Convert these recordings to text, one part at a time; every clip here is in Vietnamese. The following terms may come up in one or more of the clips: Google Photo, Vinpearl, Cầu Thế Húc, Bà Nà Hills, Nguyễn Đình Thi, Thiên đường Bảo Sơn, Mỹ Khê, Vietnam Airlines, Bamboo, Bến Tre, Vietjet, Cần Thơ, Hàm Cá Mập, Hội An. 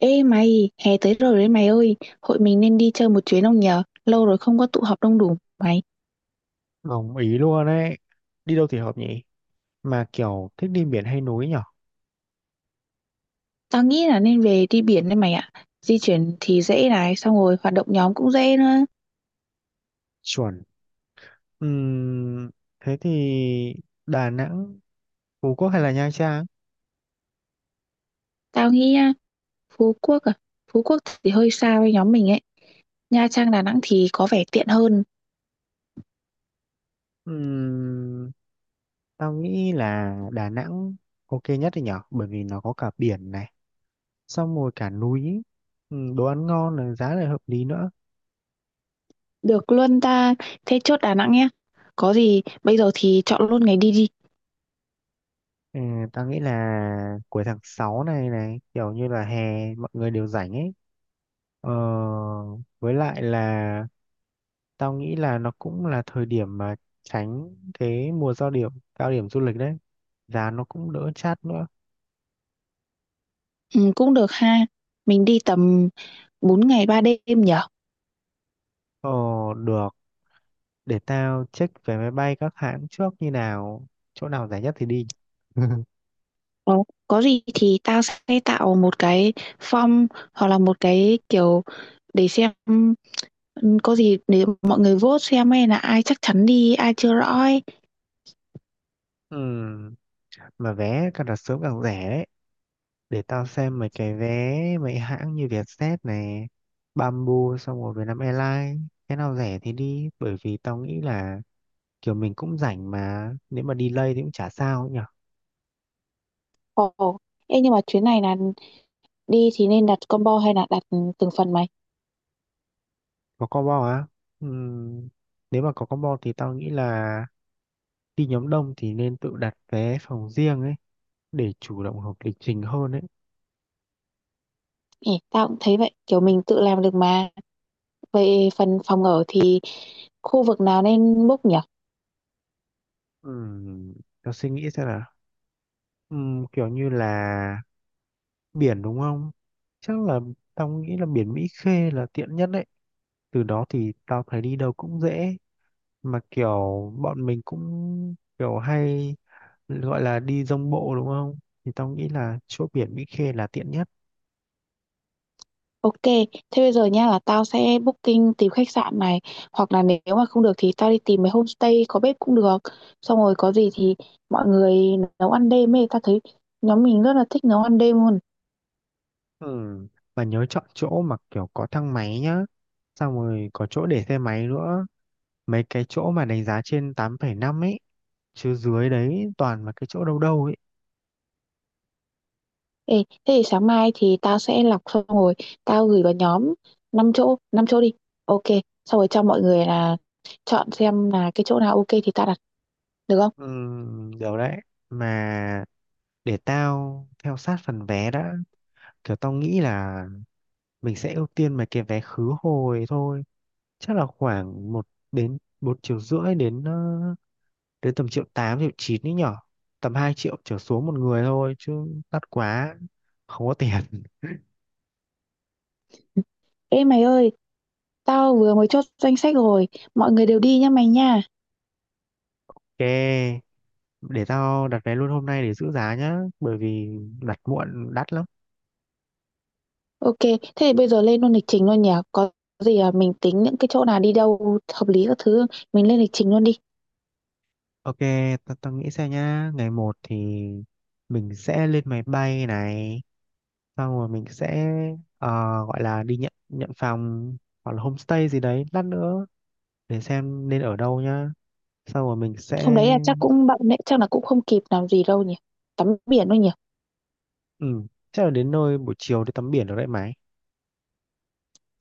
Ê mày, hè tới rồi đấy mày ơi, hội mình nên đi chơi một chuyến không nhờ? Lâu rồi không có tụ họp đông đủ mày. Đồng ý luôn ấy. Đi đâu thì hợp nhỉ? Mà kiểu thích đi biển hay núi nhở? Tao nghĩ là nên về đi biển đấy mày ạ. Di chuyển thì dễ này, xong rồi hoạt động nhóm cũng dễ nữa. Chuẩn. Ừm, Thế thì Đà Nẵng, Phú Quốc hay là Nha Trang? Tao nghĩ á, Phú Quốc à, Phú Quốc thì hơi xa với nhóm mình ấy. Nha Trang, Đà Nẵng thì có vẻ tiện hơn. Ừm, Tao nghĩ là Đà Nẵng ok nhất thì nhở? Bởi vì nó có cả biển này, xong rồi cả núi, đồ ăn ngon này, giá lại hợp lý nữa. Được luôn ta, thế chốt Đà Nẵng nhé. Có gì, bây giờ thì chọn luôn ngày đi đi. Ừ, tao nghĩ là cuối tháng 6 này này, kiểu như là hè mọi người đều rảnh ấy. Ờ, với lại là tao nghĩ là nó cũng là thời điểm mà tránh cái mùa cao điểm du lịch đấy. Giá nó cũng đỡ chát nữa. Ừ, cũng được ha, mình đi tầm 4 ngày 3 đêm nhở? Ờ, được. Để tao check vé máy bay các hãng trước như nào. Chỗ nào rẻ nhất thì đi. Ờ, có gì thì tao sẽ tạo một cái form hoặc là một cái kiểu để xem ừ, có gì để mọi người vote xem hay là ai chắc chắn đi ai chưa rõ ấy. Ừm, Mà vé càng đặt sớm càng rẻ đấy. Để tao xem mấy cái vé mấy hãng như Vietjet này, Bamboo xong rồi Vietnam Airlines. Cái nào rẻ thì đi. Bởi vì tao nghĩ là kiểu mình cũng rảnh mà. Nếu mà delay thì cũng chả sao. Ồ, ê, nhưng mà chuyến này là đi thì nên đặt combo hay là đặt từng phần mày? Có combo á? Ừm, Nếu mà có combo thì tao nghĩ là đi nhóm đông thì nên tự đặt vé phòng riêng ấy để chủ động hợp lịch trình hơn ấy. Ê, tao cũng thấy vậy, kiểu mình tự làm được mà. Về phần phòng ở thì khu vực nào nên book nhỉ? Ừm, Tao suy nghĩ xem nào. Kiểu như là biển đúng không? Chắc là tao nghĩ là biển Mỹ Khê là tiện nhất đấy. Từ đó thì tao thấy đi đâu cũng dễ. Mà kiểu bọn mình cũng kiểu hay gọi là đi dông bộ đúng không? Thì tao nghĩ là chỗ biển Mỹ Khê là tiện nhất. Ok, thế bây giờ nha là tao sẽ booking tìm khách sạn này hoặc là nếu mà không được thì tao đi tìm mấy homestay có bếp cũng được. Xong rồi có gì thì mọi người nấu ăn đêm ấy, tao thấy nhóm mình rất là thích nấu ăn đêm luôn. Ừ, và nhớ chọn chỗ mà kiểu có thang máy nhá. Xong rồi có chỗ để xe máy nữa. Mấy cái chỗ mà đánh giá trên 8,5 ấy. Chứ dưới đấy toàn là cái chỗ đâu đâu ấy. Ê, thế thì sáng mai thì tao sẽ lọc xong rồi tao gửi vào nhóm 5 chỗ đi. Ok, xong rồi cho mọi người là chọn xem là cái chỗ nào ok thì tao đặt được không? Ừ, điều đấy. Mà để tao theo sát phần vé đã. Kiểu tao nghĩ là mình sẽ ưu tiên mấy cái vé khứ hồi thôi. Chắc là khoảng một đến 1,5 triệu đến đến tầm triệu 8 triệu 9 ấy nhở. Tầm 2 triệu trở xuống một người thôi. Chứ đắt quá. Không có tiền. Ê mày ơi, tao vừa mới chốt danh sách rồi, mọi người đều đi nhá mày nha. Ok, để tao đặt vé luôn hôm nay để giữ giá nhá, bởi vì đặt muộn đắt lắm. OK, thế thì bây giờ lên luôn lịch trình luôn nhỉ? Có gì, à, mình tính những cái chỗ nào đi đâu hợp lý các thứ, mình lên lịch trình luôn đi. Ok, tao tao nghĩ xem nhá, ngày một thì mình sẽ lên máy bay này, xong rồi mình sẽ ờ, gọi là đi nhận nhận phòng hoặc là homestay gì đấy lát nữa để xem nên ở đâu nhá. Xong rồi mình Hôm sẽ đấy là chắc cũng bận đấy, chắc là cũng không kịp làm gì đâu nhỉ? Tắm biển thôi nhỉ? ừ, chắc là đến nơi buổi chiều đi tắm biển được đấy mà.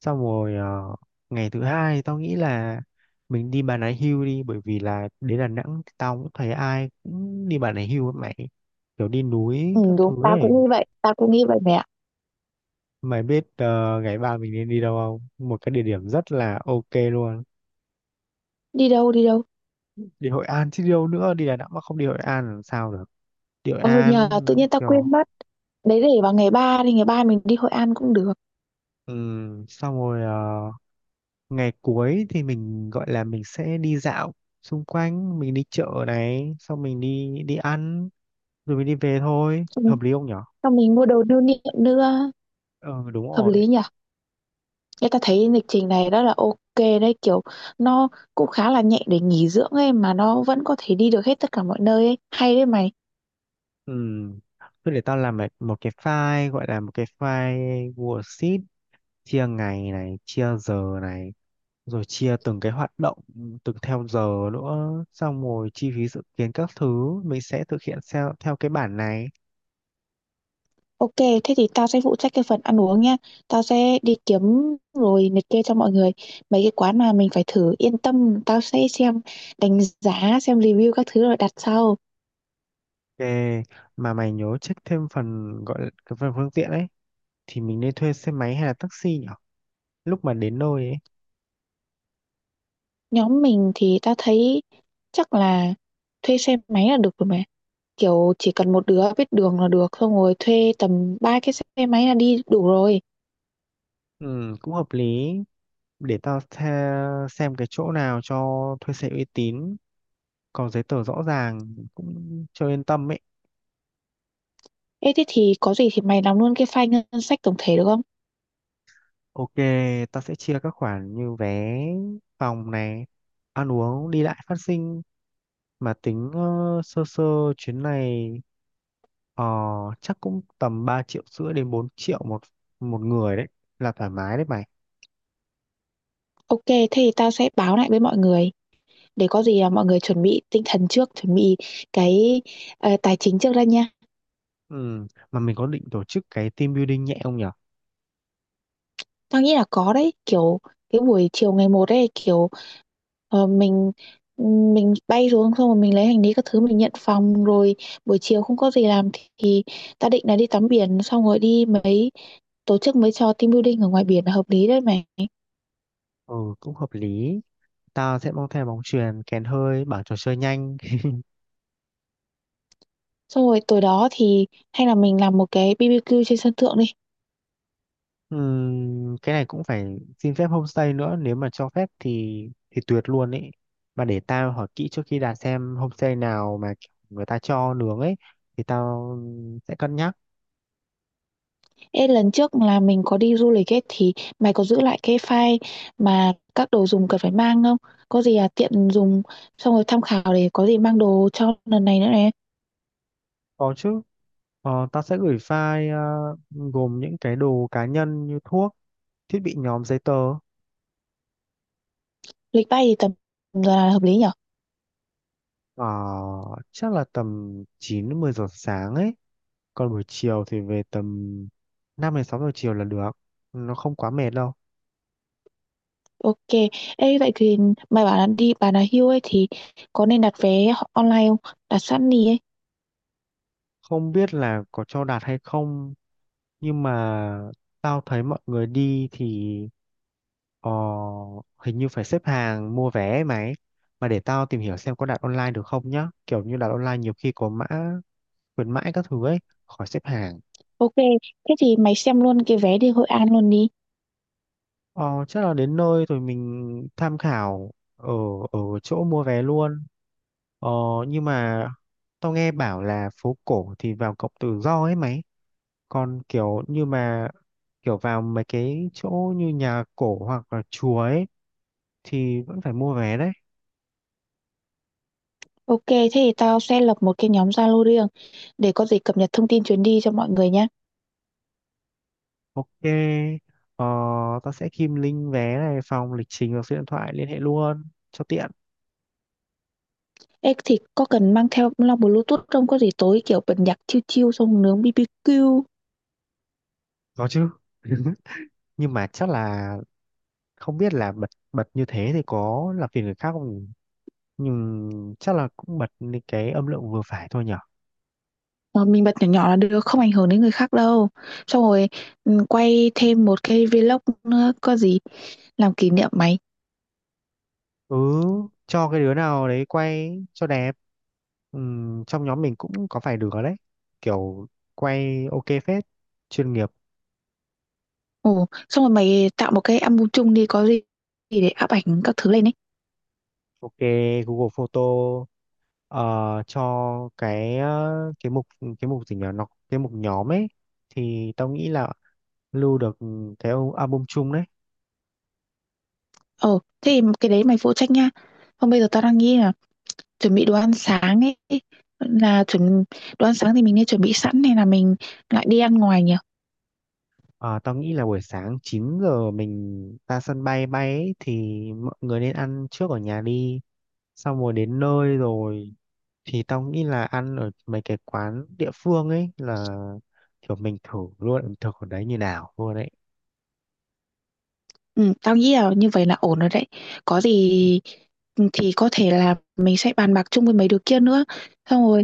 Xong rồi ngày thứ hai tao nghĩ là mình đi Bà Nà Hills đi, bởi vì là đến Đà Nẵng thì tao cũng thấy ai cũng đi Bà Nà Hills ấy mày, kiểu đi núi Ừ, các đúng, thứ tao ấy. cũng nghĩ vậy, mẹ Mày biết ngày ba mình nên đi đâu không, một cái địa điểm rất là ok luôn. Đi đâu, đi đâu? Đi Hội An chứ đi đâu nữa, đi Đà Nẵng mà không đi Hội An làm sao được. Đi Hội Ôi nhờ, An tự nhiên tao kiểu quên mất. Đấy để vào ngày 3 đi, ngày 3 mình đi Hội An cũng được. Xong rồi ngày cuối thì mình gọi là mình sẽ đi dạo xung quanh, mình đi chợ này xong mình đi đi ăn rồi mình đi về thôi, Ừ, hợp lý không nhở? xong mình mua đồ lưu niệm nữa, Ờ đúng hợp rồi. lý nhỉ? Người ta thấy lịch trình này rất là ok đấy, kiểu nó cũng khá là nhẹ để nghỉ dưỡng ấy mà nó vẫn có thể đi được hết tất cả mọi nơi ấy. Hay đấy mày. Ừ, thôi để tao làm một một cái file gọi là một cái file worksheet, chia ngày này chia giờ này rồi chia từng cái hoạt động từng theo giờ nữa, xong rồi chi phí dự kiến các thứ mình sẽ thực hiện theo theo cái bản này. Ok, thế thì tao sẽ phụ trách cái phần ăn uống nha. Tao sẽ đi kiếm rồi liệt kê cho mọi người mấy cái quán mà mình phải thử. Yên tâm, tao sẽ xem đánh giá, xem review các thứ rồi đặt sau. Ok, mà mày nhớ check thêm phần gọi là cái phần phương tiện ấy thì mình nên thuê xe máy hay là taxi nhở, lúc mà đến nơi ấy. Nhóm mình thì tao thấy chắc là thuê xe máy là được rồi mà. Kiểu chỉ cần một đứa biết đường là được, xong rồi thuê tầm ba cái xe máy là đi đủ rồi. Ừ, cũng hợp lý. Để tao xem cái chỗ nào cho thuê xe uy tín, có giấy tờ rõ ràng cũng cho yên tâm ấy. Ê thế thì có gì thì mày làm luôn cái file ngân sách tổng thể được không? Ok, tao sẽ chia các khoản như vé, phòng này, ăn uống, đi lại, phát sinh, mà tính sơ sơ chuyến này ờ, chắc cũng tầm 3,5 triệu đến 4 triệu một một người đấy, là thoải mái đấy mày. Ok, thế thì tao sẽ báo lại với mọi người để có gì là mọi người chuẩn bị tinh thần trước, chuẩn bị cái tài chính trước ra nha. Ừ. Mà mình có định tổ chức cái team building nhẹ không nhở? Tao nghĩ là có đấy, kiểu cái buổi chiều ngày một ấy kiểu ờ, mình mình bay xuống xong rồi mình lấy hành lý các thứ mình nhận phòng rồi buổi chiều không có gì làm thì tao định là đi tắm biển xong rồi đi mấy tổ chức mấy trò team building ở ngoài biển là hợp lý đấy mày. Ừ, cũng hợp lý. Tao sẽ mang theo bóng chuyền, kèn hơi, bảng trò chơi nhanh. Xong rồi tối đó thì hay là mình làm một cái BBQ trên sân thượng đi. Cái này cũng phải xin phép homestay nữa, nếu mà cho phép thì tuyệt luôn ấy, mà để tao hỏi kỹ trước khi đặt xem homestay nào mà người ta cho nướng ấy thì tao sẽ cân nhắc. Ê, lần trước là mình có đi du lịch ấy thì mày có giữ lại cái file mà các đồ dùng cần phải mang không? Có gì à tiện dùng xong rồi tham khảo để có gì mang đồ cho lần này nữa này. Có chứ. Tao sẽ gửi file gồm những cái đồ cá nhân như thuốc, thiết bị nhóm, giấy tờ. Lịch bay thì tầm giờ là hợp lý nhở? ờ, Chắc là tầm 9 đến 10 giờ sáng ấy, còn buổi chiều thì về tầm 5 đến 6 giờ chiều là được, nó không quá mệt đâu. Ok. Ê, vậy thì mày bảo là đi Bà Nà Hills ấy thì có nên đặt vé online không? Đặt sẵn đi ấy. Không biết là có cho đạt hay không, nhưng mà tao thấy mọi người đi thì ờ, hình như phải xếp hàng mua vé ấy mày, mà để tao tìm hiểu xem có đặt online được không nhá, kiểu như đặt online nhiều khi có mã khuyến mãi các thứ ấy, khỏi xếp hàng. Ok. Thế thì mày xem luôn cái vé đi Hội An luôn đi. Ờ, chắc là đến nơi rồi mình tham khảo ở ở chỗ mua vé luôn. Ờ, nhưng mà tao nghe bảo là phố cổ thì vào cổng tự do ấy mày. Còn kiểu như mà kiểu vào mấy cái chỗ như nhà cổ hoặc là chùa ấy thì vẫn phải mua vé đấy. Ok, thế thì tao sẽ lập một cái nhóm Zalo riêng để có gì cập nhật thông tin chuyến đi cho mọi người nhé. Ok, ờ, tao sẽ kim link vé này, phòng, lịch trình và số điện thoại liên hệ luôn cho tiện. Ê, thì có cần mang theo loa Bluetooth không? Có gì tối kiểu bật nhạc chill chill xong nướng BBQ Có chứ. Nhưng mà chắc là không biết là bật bật như thế thì có làm phiền người khác không nhỉ? Nhưng chắc là cũng bật lên cái âm lượng vừa phải thôi nhở. mà mình bật nhỏ nhỏ là được, không ảnh hưởng đến người khác đâu. Xong rồi ừ, quay thêm một cái vlog nữa, có gì làm kỷ niệm mày. ừ cho cái đứa nào đấy quay cho đẹp. Trong nhóm mình cũng có vài đứa đấy, kiểu quay ok phết, chuyên nghiệp. Ồ, xong rồi mày tạo một cái album chung đi, có gì để áp ảnh các thứ lên ấy. Ok, Google Photo ờ, cho cái cái mục gì nhỉ, nó cái mục nhóm ấy thì tao nghĩ là lưu được cái album chung đấy. Ồ, thế thì cái đấy mày phụ trách nha. Không bây giờ tao đang nghĩ là chuẩn bị đồ ăn sáng ấy là chuẩn đồ ăn sáng thì mình nên chuẩn bị sẵn hay là mình lại đi ăn ngoài nhỉ? Ờ, tao nghĩ là buổi sáng 9 giờ mình ra sân bay bay ấy, thì mọi người nên ăn trước ở nhà đi. Xong rồi đến nơi rồi thì tao nghĩ là ăn ở mấy cái quán địa phương ấy, là kiểu mình thử luôn ẩm thực ở đấy như nào luôn đấy. Ừ, tao nghĩ là như vậy là ổn rồi đấy, có gì ừ, thì có thể là mình sẽ bàn bạc chung với mấy đứa kia nữa, xong rồi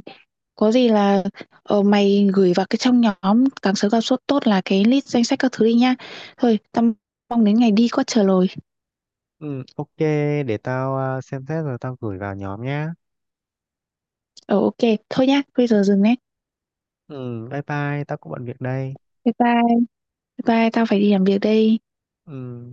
có gì là mày gửi vào cái trong nhóm càng sớm càng tốt tốt là cái list danh sách các thứ đi nha. Thôi tao mong đến ngày đi có chờ lồi. Ừ, ok, để tao xem xét rồi tao gửi vào nhóm nhá. Ờ ok, thôi nhá bây giờ dừng đấy. Ừ, bye bye, tao cũng bận việc đây. Bye bye, bye bye, tao phải đi làm việc đây. Ừ.